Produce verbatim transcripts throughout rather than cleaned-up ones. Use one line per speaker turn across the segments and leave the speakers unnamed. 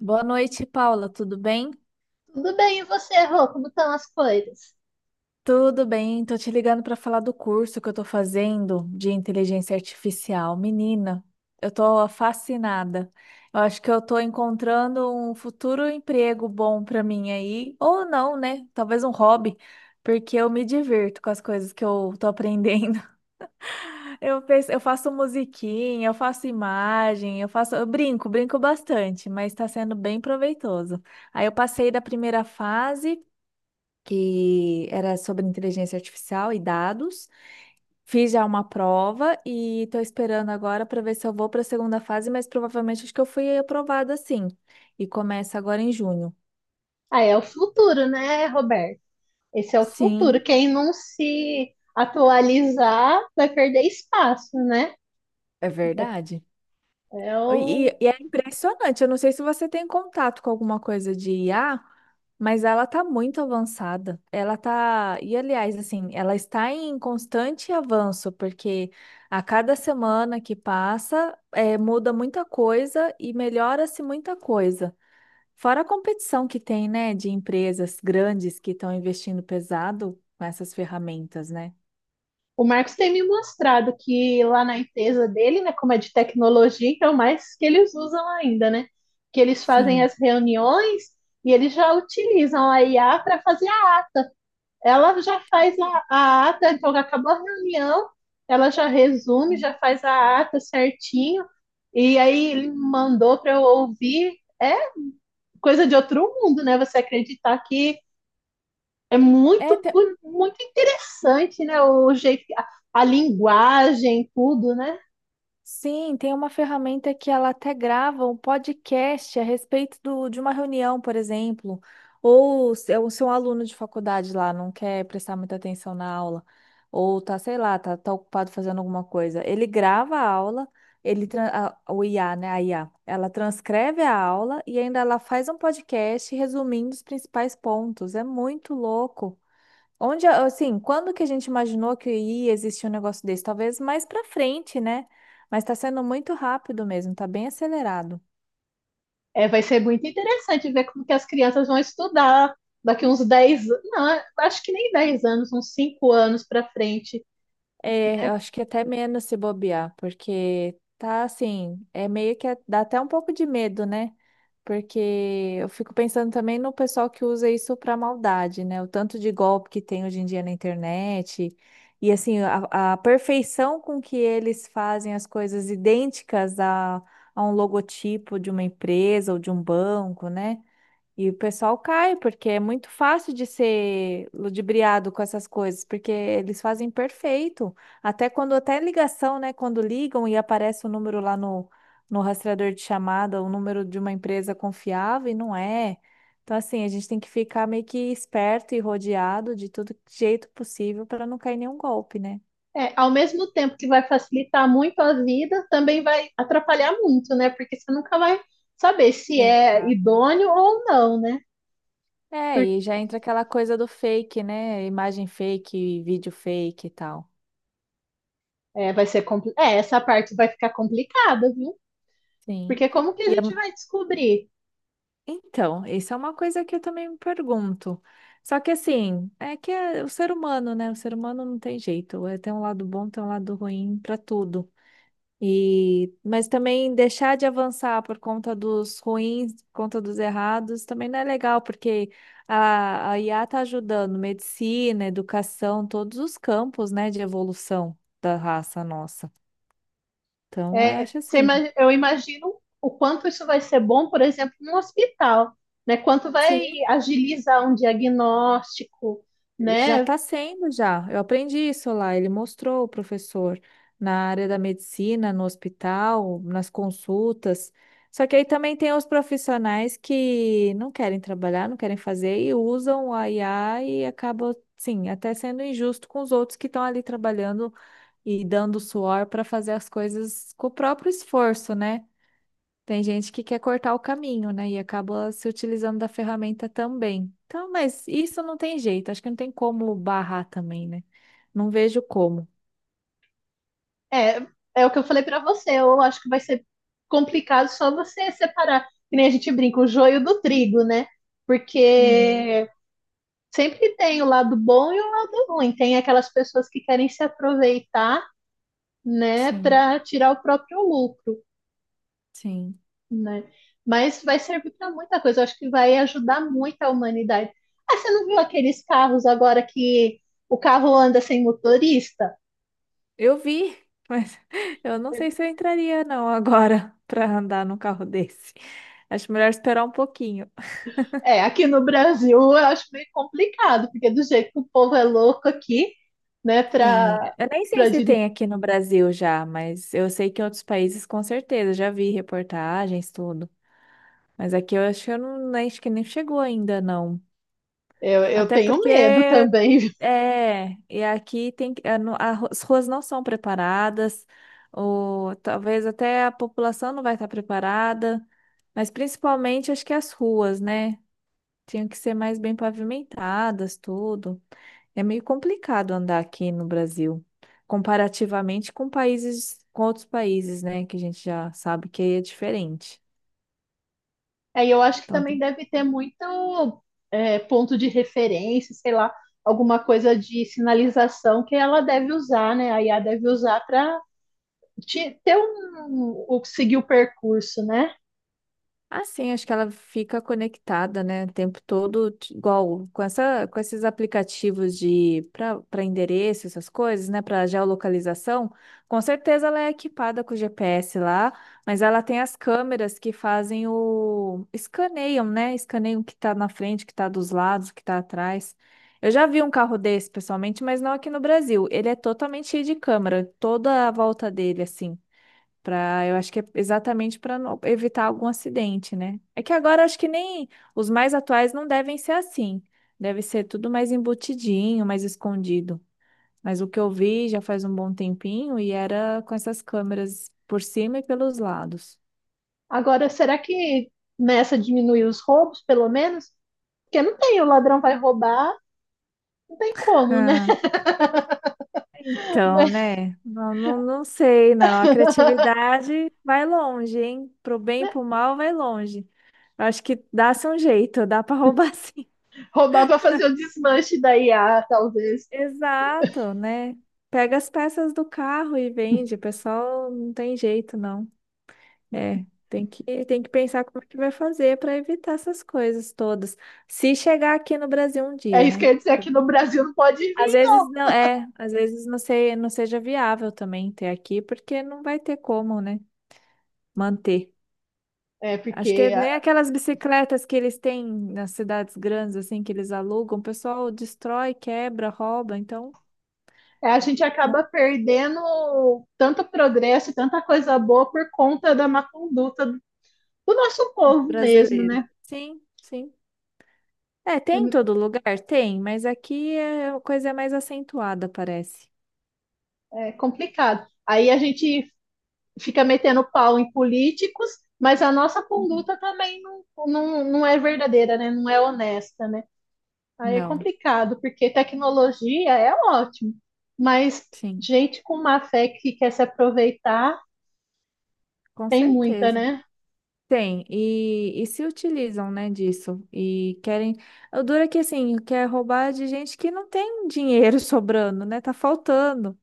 Boa noite, Paula. Tudo bem?
Tudo bem, e você, Rô? Como estão as coisas?
Tudo bem. Tô te ligando para falar do curso que eu tô fazendo de inteligência artificial. Menina, eu tô fascinada. Eu acho que eu tô encontrando um futuro emprego bom para mim aí, ou não, né? Talvez um hobby, porque eu me divirto com as coisas que eu tô aprendendo. Eu penso, eu faço musiquinha, eu faço imagem, eu faço, eu brinco, brinco bastante, mas está sendo bem proveitoso. Aí eu passei da primeira fase que era sobre inteligência artificial e dados. Fiz já uma prova e estou esperando agora para ver se eu vou para a segunda fase, mas provavelmente acho que eu fui aprovada sim. E começa agora em junho.
Ah, é o futuro, né, Roberto? Esse é o futuro.
Sim,
Quem não se atualizar vai perder espaço, né?
é
É
verdade.
é
E,
o...
e é impressionante. Eu não sei se você tem contato com alguma coisa de I A, mas ela tá muito avançada. Ela tá, e aliás, assim, ela está em constante avanço, porque a cada semana que passa, eh, muda muita coisa e melhora-se muita coisa. Fora a competição que tem, né, de empresas grandes que estão investindo pesado com essas ferramentas, né?
o Marcos tem me mostrado que lá na empresa dele, né, como é de tecnologia, então mais que eles usam ainda, né? Que eles fazem
Sim.
as reuniões e eles já utilizam a I A para fazer, ela já faz a, a ata, então acabou a reunião, ela já resume, já faz a ata certinho, e aí ele mandou para eu ouvir. É coisa de outro mundo, né? Você acreditar que é
É,
muito,
te-
muito interessante, né? O jeito, a, a linguagem, tudo, né?
Sim, tem uma ferramenta que ela até grava um podcast a respeito do, de uma reunião, por exemplo, ou se é o seu aluno de faculdade lá não quer prestar muita atenção na aula, ou tá, sei lá, tá, tá ocupado fazendo alguma coisa. Ele grava a aula, ele, tran- a- o I A, né, a I A, ela transcreve a aula e ainda ela faz um podcast resumindo os principais pontos. É muito louco. Onde, assim, quando que a gente imaginou que ia existir um negócio desse? Talvez mais pra frente, né? Mas tá sendo muito rápido mesmo, tá bem acelerado.
É, vai ser muito interessante ver como que as crianças vão estudar daqui uns dez, não, acho que nem dez anos, uns cinco anos para frente.
É, eu acho que até menos se bobear, porque tá assim, é meio que dá até um pouco de medo, né? Porque eu fico pensando também no pessoal que usa isso pra maldade, né? O tanto de golpe que tem hoje em dia na internet. E assim, a, a perfeição com que eles fazem as coisas idênticas a, a um logotipo de uma empresa ou de um banco, né? E o pessoal cai, porque é muito fácil de ser ludibriado com essas coisas, porque eles fazem perfeito. Até quando, até ligação, né? Quando ligam e aparece o número lá no, no rastreador de chamada, o número de uma empresa confiável, e não é. Então, assim, a gente tem que ficar meio que esperto e rodeado de todo jeito possível para não cair nenhum golpe, né?
É, ao mesmo tempo que vai facilitar muito a vida, também vai atrapalhar muito, né? Porque você nunca vai saber se é
Exato.
idôneo ou não, né?
É,
Porque,
e já entra aquela coisa do fake, né? Imagem fake, vídeo fake e tal.
é, vai ser compli- é, essa parte vai ficar complicada, viu?
Sim.
Porque como que
e
a
é
gente vai descobrir?
Então, isso é uma coisa que eu também me pergunto. Só que assim, é que é o ser humano, né? O ser humano não tem jeito. É, tem um lado bom, tem um lado ruim para tudo. E, mas também deixar de avançar por conta dos ruins, por conta dos errados, também não é legal, porque a, a I A está ajudando medicina, educação, todos os campos, né, de evolução da raça nossa. Então, eu
É,
acho
você ima-
assim.
eu imagino o quanto isso vai ser bom, por exemplo, num hospital, né? Quanto vai
Sim,
agilizar um diagnóstico,
já
né?
está sendo, já. Eu aprendi isso lá. Ele mostrou o professor na área da medicina, no hospital, nas consultas. Só que aí também tem os profissionais que não querem trabalhar, não querem fazer e usam a I A e acaba, sim, até sendo injusto com os outros que estão ali trabalhando e dando suor para fazer as coisas com o próprio esforço, né? Tem gente que quer cortar o caminho, né? E acaba se utilizando da ferramenta também. Então, mas isso não tem jeito. Acho que não tem como barrar também, né? Não vejo como.
É, é o que eu falei pra você. Eu acho que vai ser complicado só você separar, que nem a gente brinca, o joio do trigo, né?
Uhum.
Porque sempre tem o lado bom e o lado ruim. Tem aquelas pessoas que querem se aproveitar, né,
Sim,
para tirar o próprio lucro,
sim.
né? Mas vai servir para muita coisa. Eu acho que vai ajudar muito a humanidade. Ah, você não viu aqueles carros agora que o carro anda sem motorista?
Eu vi, mas eu não sei se eu entraria não agora para andar num carro desse. Acho melhor esperar um pouquinho.
É, aqui no Brasil eu acho meio complicado, porque do jeito que o povo é louco aqui, né,
Sim,
para
eu nem sei
para
se
dirigir.
tem aqui no Brasil já, mas eu sei que em outros países com certeza já vi reportagens, tudo. Mas aqui eu acho que eu não, acho que nem chegou ainda não.
Eu, eu
Até
tenho medo
porque
também. Viu?
é, e aqui tem que- a no- a ru- as ruas não são preparadas, ou talvez até a população não vai estar preparada, mas principalmente acho que as ruas, né? Tinham que ser mais bem pavimentadas, tudo. É meio complicado andar aqui no Brasil, comparativamente com países, com outros países, né? Que a gente já sabe que é diferente.
Aí eu acho que
Então,
também deve ter muito, é, ponto de referência, sei lá, alguma coisa de sinalização que ela deve usar, né? A I A deve usar para ter um, o, seguir o percurso, né?
assim, acho que ela fica conectada, né, o tempo todo, t- igual com essa, com esses aplicativos de para para endereço, essas coisas, né, para geolocalização. Com certeza ela é equipada com G P S lá, mas ela tem as câmeras que fazem o escaneiam, né? Escaneiam o que está na frente, o que está dos lados, o que está atrás. Eu já vi um carro desse pessoalmente, mas não aqui no Brasil. Ele é totalmente cheio de câmera, toda a volta dele assim. Pra, eu acho que é exatamente para evitar algum acidente, né? É que agora acho que nem os mais atuais não devem ser assim. Deve ser tudo mais embutidinho, mais escondido. Mas o que eu vi já faz um bom tempinho e era com essas câmeras por cima e pelos lados.
Agora, será que nessa diminuir os roubos, pelo menos? Porque não tem, o ladrão vai roubar, não tem como, né?
Ah, então, né? Não, não, não sei, não. A criatividade vai longe, hein? Pro bem e pro mal vai longe. Eu acho que dá-se um jeito, dá para roubar sim.
Roubar para fazer o desmanche da I A, talvez.
Exato, né? Pega as peças do carro e vende. O pessoal não tem jeito, não. É, tem que, tem que pensar como é que vai fazer para evitar essas coisas todas. Se chegar aqui no Brasil um
É
dia,
isso que eu
né?
ia dizer, aqui no Brasil não pode
Às
vir,
vezes
não.
não é, às vezes não sei, não seja viável também ter aqui, porque não vai ter como, né? Manter.
É
Acho que
porque a,
nem aquelas bicicletas que eles têm nas cidades grandes, assim, que eles alugam, o pessoal destrói, quebra, rouba, então.
é, a gente acaba perdendo tanto progresso, tanta coisa boa por conta da má conduta do nosso povo mesmo,
Brasileiro.
né?
Sim, sim. É, tem em
É
todo lugar? Tem, mas aqui é, a coisa é mais acentuada, parece.
é complicado. Aí a gente fica metendo pau em políticos, mas a nossa
Uhum.
conduta também não, não, não é verdadeira, né? Não é honesta, né? Aí é
Não,
complicado, porque tecnologia é ótimo, mas
sim,
gente com má fé que quer se aproveitar
com
tem muita,
certeza.
né?
Tem, e, e se utilizam, né, disso. E querem. O duro é que, assim, quer roubar de gente que não tem dinheiro sobrando, né? Tá faltando.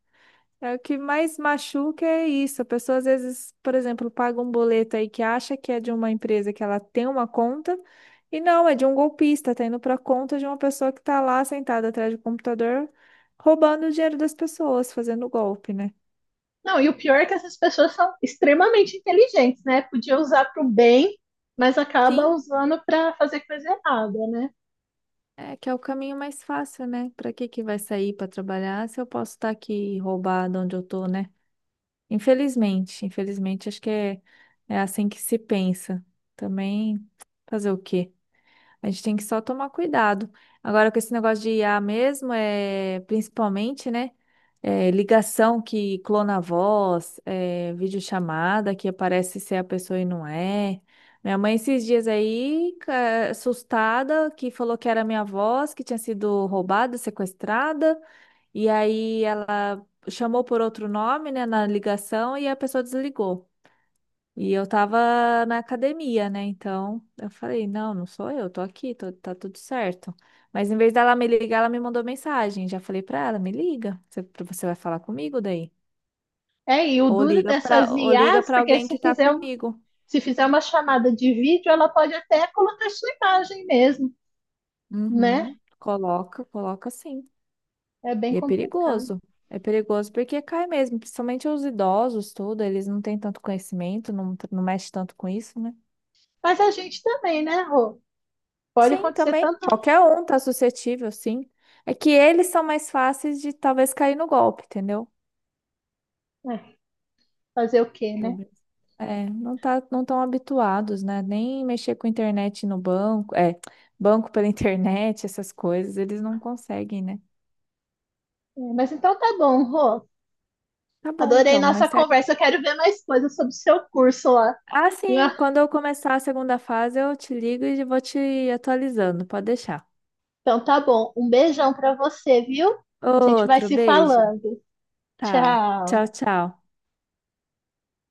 É o que mais machuca é isso. A pessoa às vezes, por exemplo, paga um boleto aí que acha que é de uma empresa que ela tem uma conta e não, é de um golpista, tá indo para conta de uma pessoa que tá lá sentada atrás do computador roubando o dinheiro das pessoas, fazendo golpe, né?
Não, e o pior é que essas pessoas são extremamente inteligentes, né? Podia usar para o bem, mas acaba
Sim,
usando para fazer coisa errada, né?
é que é o caminho mais fácil, né? Para que que vai sair para trabalhar se eu posso estar aqui roubado onde eu tô, né? Infelizmente, infelizmente acho que é, é assim que se pensa. Também fazer o quê? A gente tem que só tomar cuidado. Agora, com esse negócio de I A mesmo, é principalmente, né? é, ligação que clona a voz, é, videochamada que aparece ser a pessoa e não é. Minha mãe, esses dias aí, ca- assustada, que falou que era minha voz, que tinha sido roubada, sequestrada, e aí ela chamou por outro nome, né, na ligação e a pessoa desligou. E eu tava na academia, né? Então eu falei: não, não sou eu, tô aqui, tô- tá tudo certo. Mas em vez dela me ligar, ela me mandou mensagem. Já falei pra ela: me liga, você, você vai falar comigo daí?
É, e o
Ou
duro
liga pra,
dessas
ou liga
I As,
pra
porque
alguém
se
que tá
fizer, um-
comigo.
se fizer uma chamada de vídeo, ela pode até colocar sua imagem mesmo, né?
Uhum, coloca, coloca sim.
É bem
E é
complicado.
perigoso. É perigoso porque cai mesmo, principalmente os idosos, tudo, eles não têm tanto conhecimento, não, não mexe tanto com isso, né?
Mas a gente também, né, Rô? Pode
Sim,
acontecer
também.
tanto,
Qualquer um tá suscetível, sim. É que eles são mais fáceis de talvez cair no golpe, entendeu?
né? Fazer o quê, né?
Talvez. É, não tá, não tão habituados, né? Nem mexer com internet no banco, é, banco pela internet, essas coisas, eles não conseguem, né?
É, mas então tá bom, Rô.
Tá bom,
Adorei
então,
nossa
mais tarde.
conversa. Eu quero ver mais coisas sobre o seu curso lá,
Ah,
viu?
sim, quando eu começar a segunda fase, eu te ligo e vou te atualizando, pode deixar.
Então tá bom. Um beijão pra você, viu? A gente vai
Outro
se
beijo.
falando.
Tá. Tchau,
Tchau.
tchau.